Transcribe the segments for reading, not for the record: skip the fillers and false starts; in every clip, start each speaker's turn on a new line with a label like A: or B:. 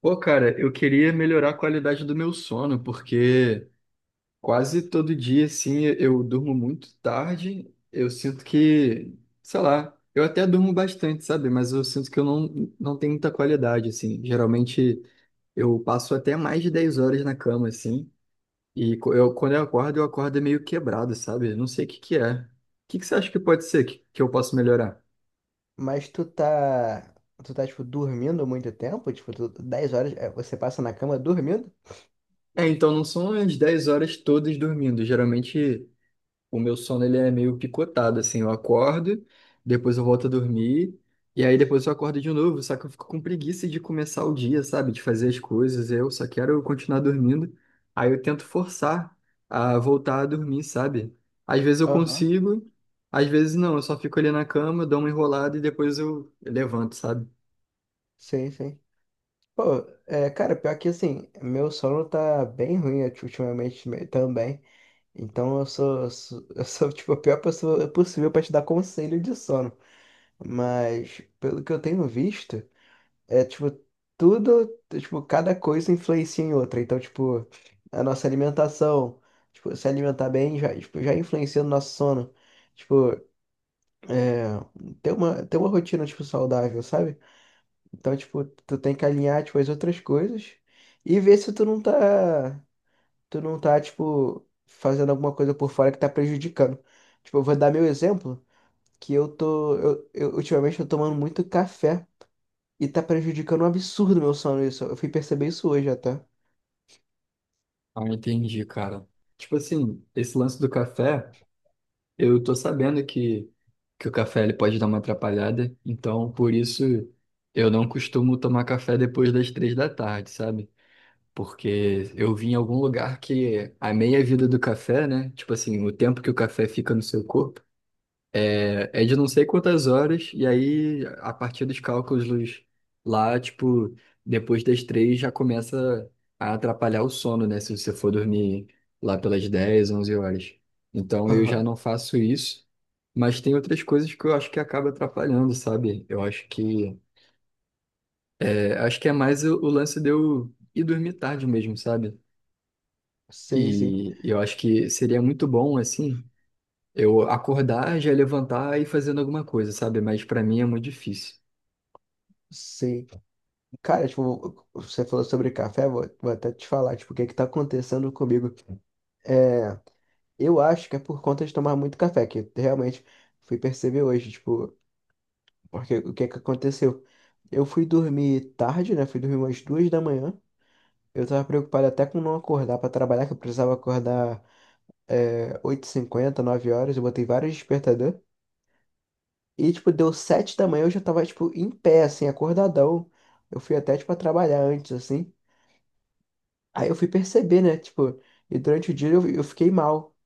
A: Pô, cara, eu queria melhorar a qualidade do meu sono, porque quase todo dia, assim, eu durmo muito tarde. Eu sinto que, sei lá, eu até durmo bastante, sabe? Mas eu sinto que eu não, não tenho muita qualidade, assim. Geralmente eu passo até mais de 10 horas na cama, assim. E quando eu acordo meio quebrado, sabe? Eu não sei o que que é. O que que você acha que pode ser que eu posso melhorar?
B: Mas tu tá. Tu tá, tipo, dormindo muito tempo? Tipo, tu, 10 horas é, você passa na cama dormindo?
A: É, então não são as 10 horas todas dormindo. Geralmente, o meu sono ele é meio picotado, assim, eu acordo, depois eu volto a dormir, e aí depois eu acordo de novo, só que eu fico com preguiça de começar o dia, sabe? De fazer as coisas, eu só quero continuar dormindo. Aí eu tento forçar a voltar a dormir, sabe? Às vezes eu
B: Aham.
A: consigo, às vezes não, eu só fico ali na cama, dou uma enrolada e depois eu levanto, sabe?
B: Sim, sim. Pô, é, cara, pior que assim, meu sono tá bem ruim ultimamente também. Então eu sou tipo a pior pessoa possível pra te dar conselho de sono. Mas pelo que eu tenho visto. É tipo, tudo, tipo, cada coisa influencia em outra. Então, tipo, a nossa alimentação, tipo, se alimentar bem já, tipo, já influencia no nosso sono. Tipo, é, ter uma rotina, tipo, saudável, sabe? Então, tipo, tu tem que alinhar, tipo, as outras coisas e ver se tu não tá, tipo, fazendo alguma coisa por fora que tá prejudicando. Tipo, eu vou dar meu exemplo, que eu ultimamente tô tomando muito café. E tá prejudicando um absurdo meu sono isso. Eu fui perceber isso hoje até.
A: Ah, entendi, cara. Tipo assim, esse lance do café. Eu tô sabendo que o café ele pode dar uma atrapalhada, então por isso eu não costumo tomar café depois das 3 da tarde, sabe? Porque eu vi em algum lugar que a meia-vida do café, né? Tipo assim, o tempo que o café fica no seu corpo, é de não sei quantas horas, e aí, a partir dos cálculos lá, tipo, depois das três já começa a atrapalhar o sono, né? Se você for dormir lá pelas 10 11 horas. Então, eu já
B: Aham.
A: não faço isso, mas tem outras coisas que eu acho que acaba atrapalhando, sabe? Eu acho que é, acho que é mais o lance de eu ir dormir tarde mesmo, sabe?
B: Sim, sim.
A: E eu acho que seria muito bom, assim. Eu acordar, já levantar e ir fazendo alguma coisa, sabe? Mas pra mim é muito difícil.
B: Sim. Cara, tipo, você falou sobre café, vou até te falar, tipo, o que que tá acontecendo comigo. É, eu acho que é por conta de tomar muito café, que realmente fui perceber hoje, tipo, porque o que que aconteceu? Eu fui dormir tarde, né? Fui dormir umas duas da manhã. Eu tava preocupado até com não acordar pra trabalhar, que eu precisava acordar é, 8h50, 9 horas. Eu botei vários despertador. E, tipo, deu sete da manhã, eu já tava, tipo, em pé, assim, acordadão. Eu fui até, tipo, a trabalhar antes, assim. Aí eu fui perceber, né, tipo, e durante o dia eu fiquei mal,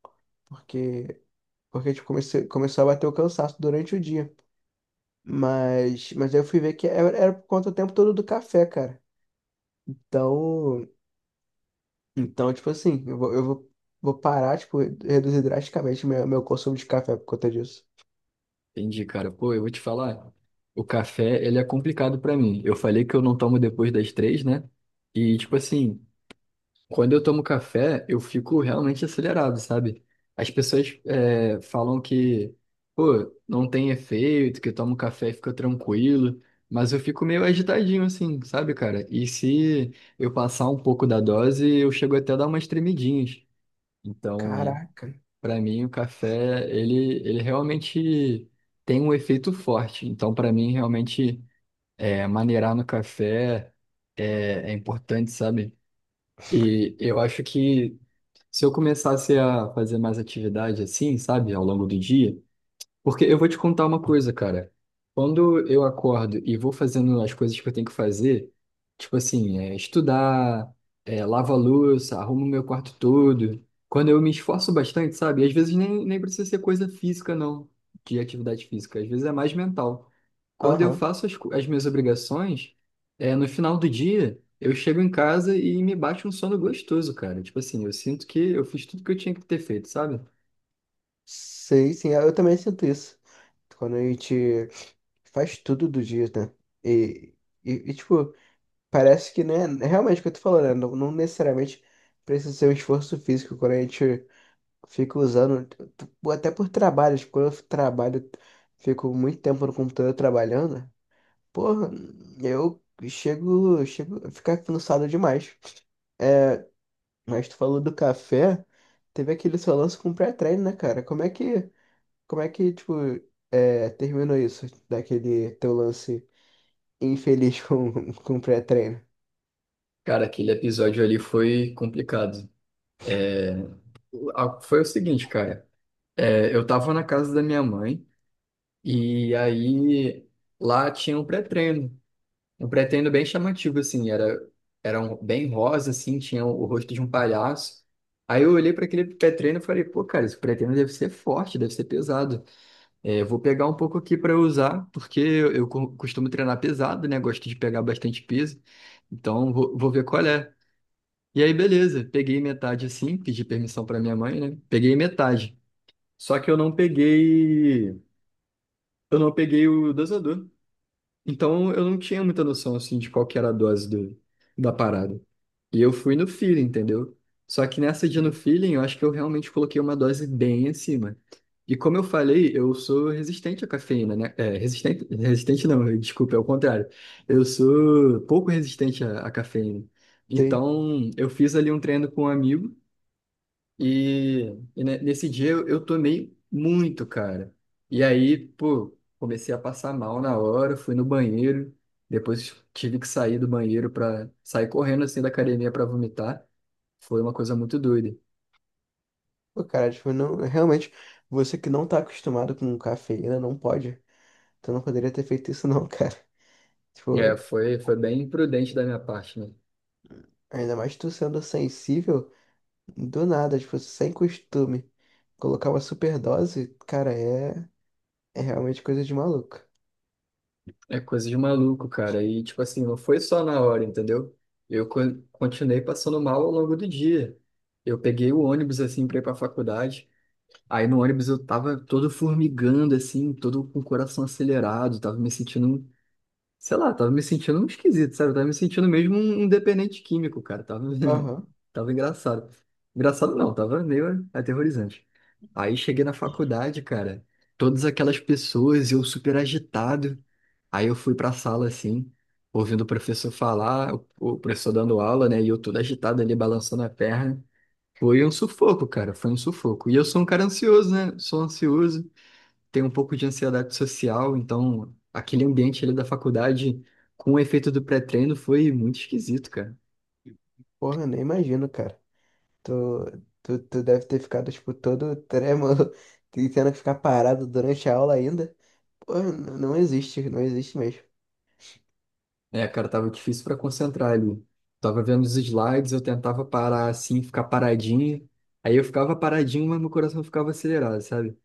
B: porque, porque, tipo, começou a bater o cansaço durante o dia. Mas aí eu fui ver que era por conta o tempo todo do café, cara. Então, então, tipo assim, eu vou parar, tipo, reduzir drasticamente meu consumo de café por conta disso.
A: Entendi, cara. Pô, eu vou te falar, o café, ele é complicado pra mim. Eu falei que eu não tomo depois das 3, né? E, tipo assim, quando eu tomo café, eu fico realmente acelerado, sabe? As pessoas é, falam que, pô, não tem efeito, que eu tomo café e fica tranquilo. Mas eu fico meio agitadinho, assim, sabe, cara? E se eu passar um pouco da dose, eu chego até a dar umas tremidinhas. Então,
B: Caraca.
A: para mim, o café, ele realmente tem um efeito forte. Então, para mim, realmente, é, maneirar no café é importante, sabe? E eu acho que se eu começasse a fazer mais atividade assim, sabe, ao longo do dia, porque eu vou te contar uma coisa, cara. Quando eu acordo e vou fazendo as coisas que eu tenho que fazer, tipo assim, é, estudar, é, lavo a louça, arrumo meu quarto todo. Quando eu me esforço bastante, sabe? Às vezes nem precisa ser coisa física, não, de atividade física. Às vezes é mais mental. Quando eu
B: Aham.
A: faço as minhas obrigações, é, no final do dia, eu chego em casa e me bate um sono gostoso, cara. Tipo assim, eu sinto que eu fiz tudo que eu tinha que ter feito, sabe?
B: Sei, sim, eu também sinto isso. Quando a gente. Faz tudo do dia, né? E, tipo, parece que, né? É realmente o que eu tô falando, né? Não, não necessariamente precisa ser um esforço físico quando a gente fica usando, até por trabalho, tipo, quando eu trabalho, fico muito tempo no computador trabalhando, porra, eu chego a ficar cansado demais. Mas tu falou do café, teve aquele seu lance com pré-treino, né, cara? Como é que, tipo, é, terminou isso, daquele teu lance? Infeliz com, com pré-treino.
A: Cara, aquele episódio ali foi complicado. Ah, foi o seguinte, cara. É, eu tava na casa da minha mãe e aí lá tinha um pré-treino. Um pré-treino bem chamativo, assim. Era um, bem rosa, assim. Tinha o rosto de um palhaço. Aí eu olhei para aquele pré-treino e falei, pô, cara, esse pré-treino deve ser forte, deve ser pesado. É, eu vou pegar um pouco aqui para usar, porque eu, eu costumo treinar pesado, né? Gosto de pegar bastante peso. Então vou ver qual é. E aí, beleza. Peguei metade assim, pedi permissão para minha mãe, né? Peguei metade. Só que eu não peguei o dosador. Então eu não tinha muita noção assim de qual que era a dose do, da parada. E eu fui no feeling, entendeu? Só que nessa dia no feeling, eu acho que eu realmente coloquei uma dose bem acima. E como eu falei, eu sou resistente à cafeína, né? É, resistente, resistente não, desculpa, é o contrário. Eu sou pouco resistente à, à cafeína.
B: Sim.
A: Então, eu fiz ali um treino com um amigo e, e nesse dia eu tomei muito, cara. E aí, pô, comecei a passar mal na hora, fui no banheiro, depois tive que sair do banheiro para sair correndo assim da academia para vomitar. Foi uma coisa muito doida.
B: Pô, cara, tipo, não, realmente, você que não tá acostumado com cafeína, não pode. Tu não poderia ter feito isso não, cara.
A: É,
B: Tipo,
A: foi bem imprudente da minha parte, né?
B: ainda mais tu sendo sensível, do nada, tipo, sem costume. Colocar uma superdose, cara, é, é realmente coisa de maluco.
A: É coisa de maluco, cara. E tipo assim, não foi só na hora, entendeu? Eu continuei passando mal ao longo do dia. Eu peguei o ônibus assim para ir para faculdade. Aí no ônibus eu tava todo formigando, assim, todo com o coração acelerado, tava me sentindo, sei lá, tava me sentindo um esquisito, sabe? Eu tava me sentindo mesmo um dependente químico, cara. Tava,
B: Aham.
A: tava engraçado. Engraçado não, tava meio aterrorizante. Aí cheguei na faculdade, cara, todas aquelas pessoas, eu super agitado. Aí eu fui pra sala, assim, ouvindo o professor falar, o professor dando aula, né? E eu todo agitado ali, balançando a perna. Foi um sufoco, cara, foi um sufoco. E eu sou um cara ansioso, né? Sou ansioso, tenho um pouco de ansiedade social, então aquele ambiente ali da faculdade com o efeito do pré-treino foi muito esquisito, cara.
B: Porra, nem imagino, cara. Tu, tu deve ter ficado, tipo, todo trêmulo, e tendo que ficar parado durante a aula ainda. Porra, não existe, não existe mesmo.
A: É, cara, tava difícil pra concentrar ali. Tava vendo os slides, eu tentava parar assim, ficar paradinho. Aí eu ficava paradinho, mas meu coração ficava acelerado, sabe?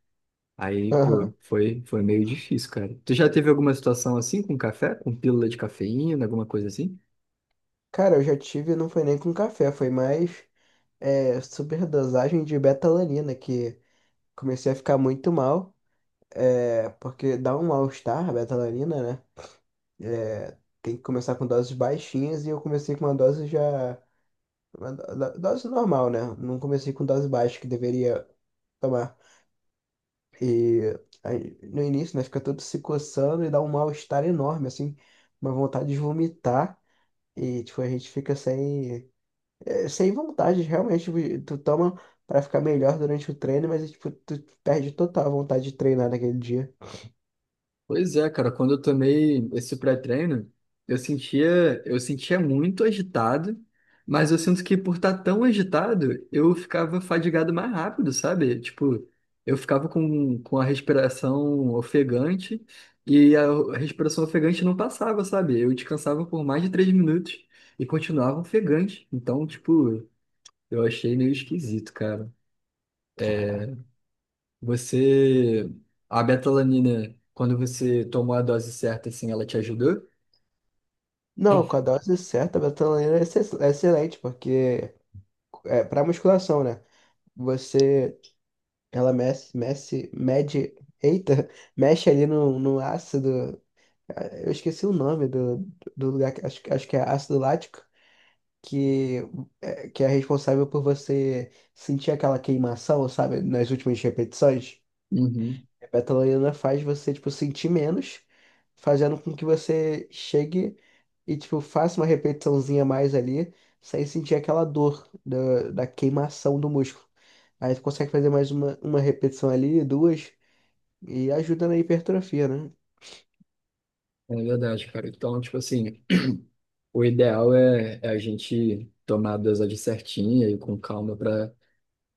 A: Aí, pô,
B: Aham.
A: foi meio difícil, cara. Tu já teve alguma situação assim com café, com pílula de cafeína, alguma coisa assim?
B: Cara, eu já tive, não foi nem com café, foi mais é, superdosagem de betalanina, que comecei a ficar muito mal, é, porque dá um mal-estar a betalanina, né? É, tem que começar com doses baixinhas e eu comecei com uma dose já. Uma dose normal, né? Não comecei com dose baixa que deveria tomar. E aí, no início, né, fica todo se coçando e dá um mal-estar enorme, assim, uma vontade de vomitar. E, tipo, a gente fica sem. É, sem vontade, realmente, tipo, tu toma pra ficar melhor durante o treino, mas, tipo, tu perde total a vontade de treinar naquele dia.
A: Pois é, cara, quando eu tomei esse pré-treino, eu sentia muito agitado, mas eu sinto que por estar tão agitado, eu ficava fadigado mais rápido, sabe? Tipo, eu ficava com a respiração ofegante e a respiração ofegante não passava, sabe? Eu descansava por mais de 3 minutos e continuava ofegante. Então, tipo, eu achei meio esquisito, cara.
B: Caraca.
A: Você, a betalanina, quando você tomou a dose certa, assim, ela te ajudou?
B: Não, com a dose certa, a betalanina é é excelente, porque é para musculação, né? Você, ela eita, mexe ali no, no ácido, ah, eu esqueci o nome do, do lugar, acho, acho que é ácido lático, que que é responsável por você sentir aquela queimação, sabe, nas últimas repetições.
A: Uhum,
B: A betalaina faz você, tipo, sentir menos, fazendo com que você chegue e, tipo, faça uma repetiçãozinha a mais ali, sem sentir aquela dor da, da queimação do músculo. Aí tu consegue fazer mais uma repetição ali, duas, e ajuda na hipertrofia, né?
A: é verdade, cara. Então, tipo assim, o ideal é a gente tomar a dosagem certinha e com calma pra,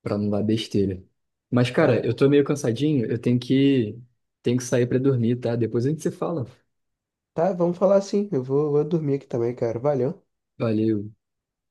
A: pra não dar besteira. Mas,
B: É,
A: cara, eu tô meio cansadinho, eu tenho que sair pra dormir, tá? Depois a gente se fala.
B: tá, vamos falar assim. Eu vou dormir aqui também, cara. Valeu.
A: Valeu.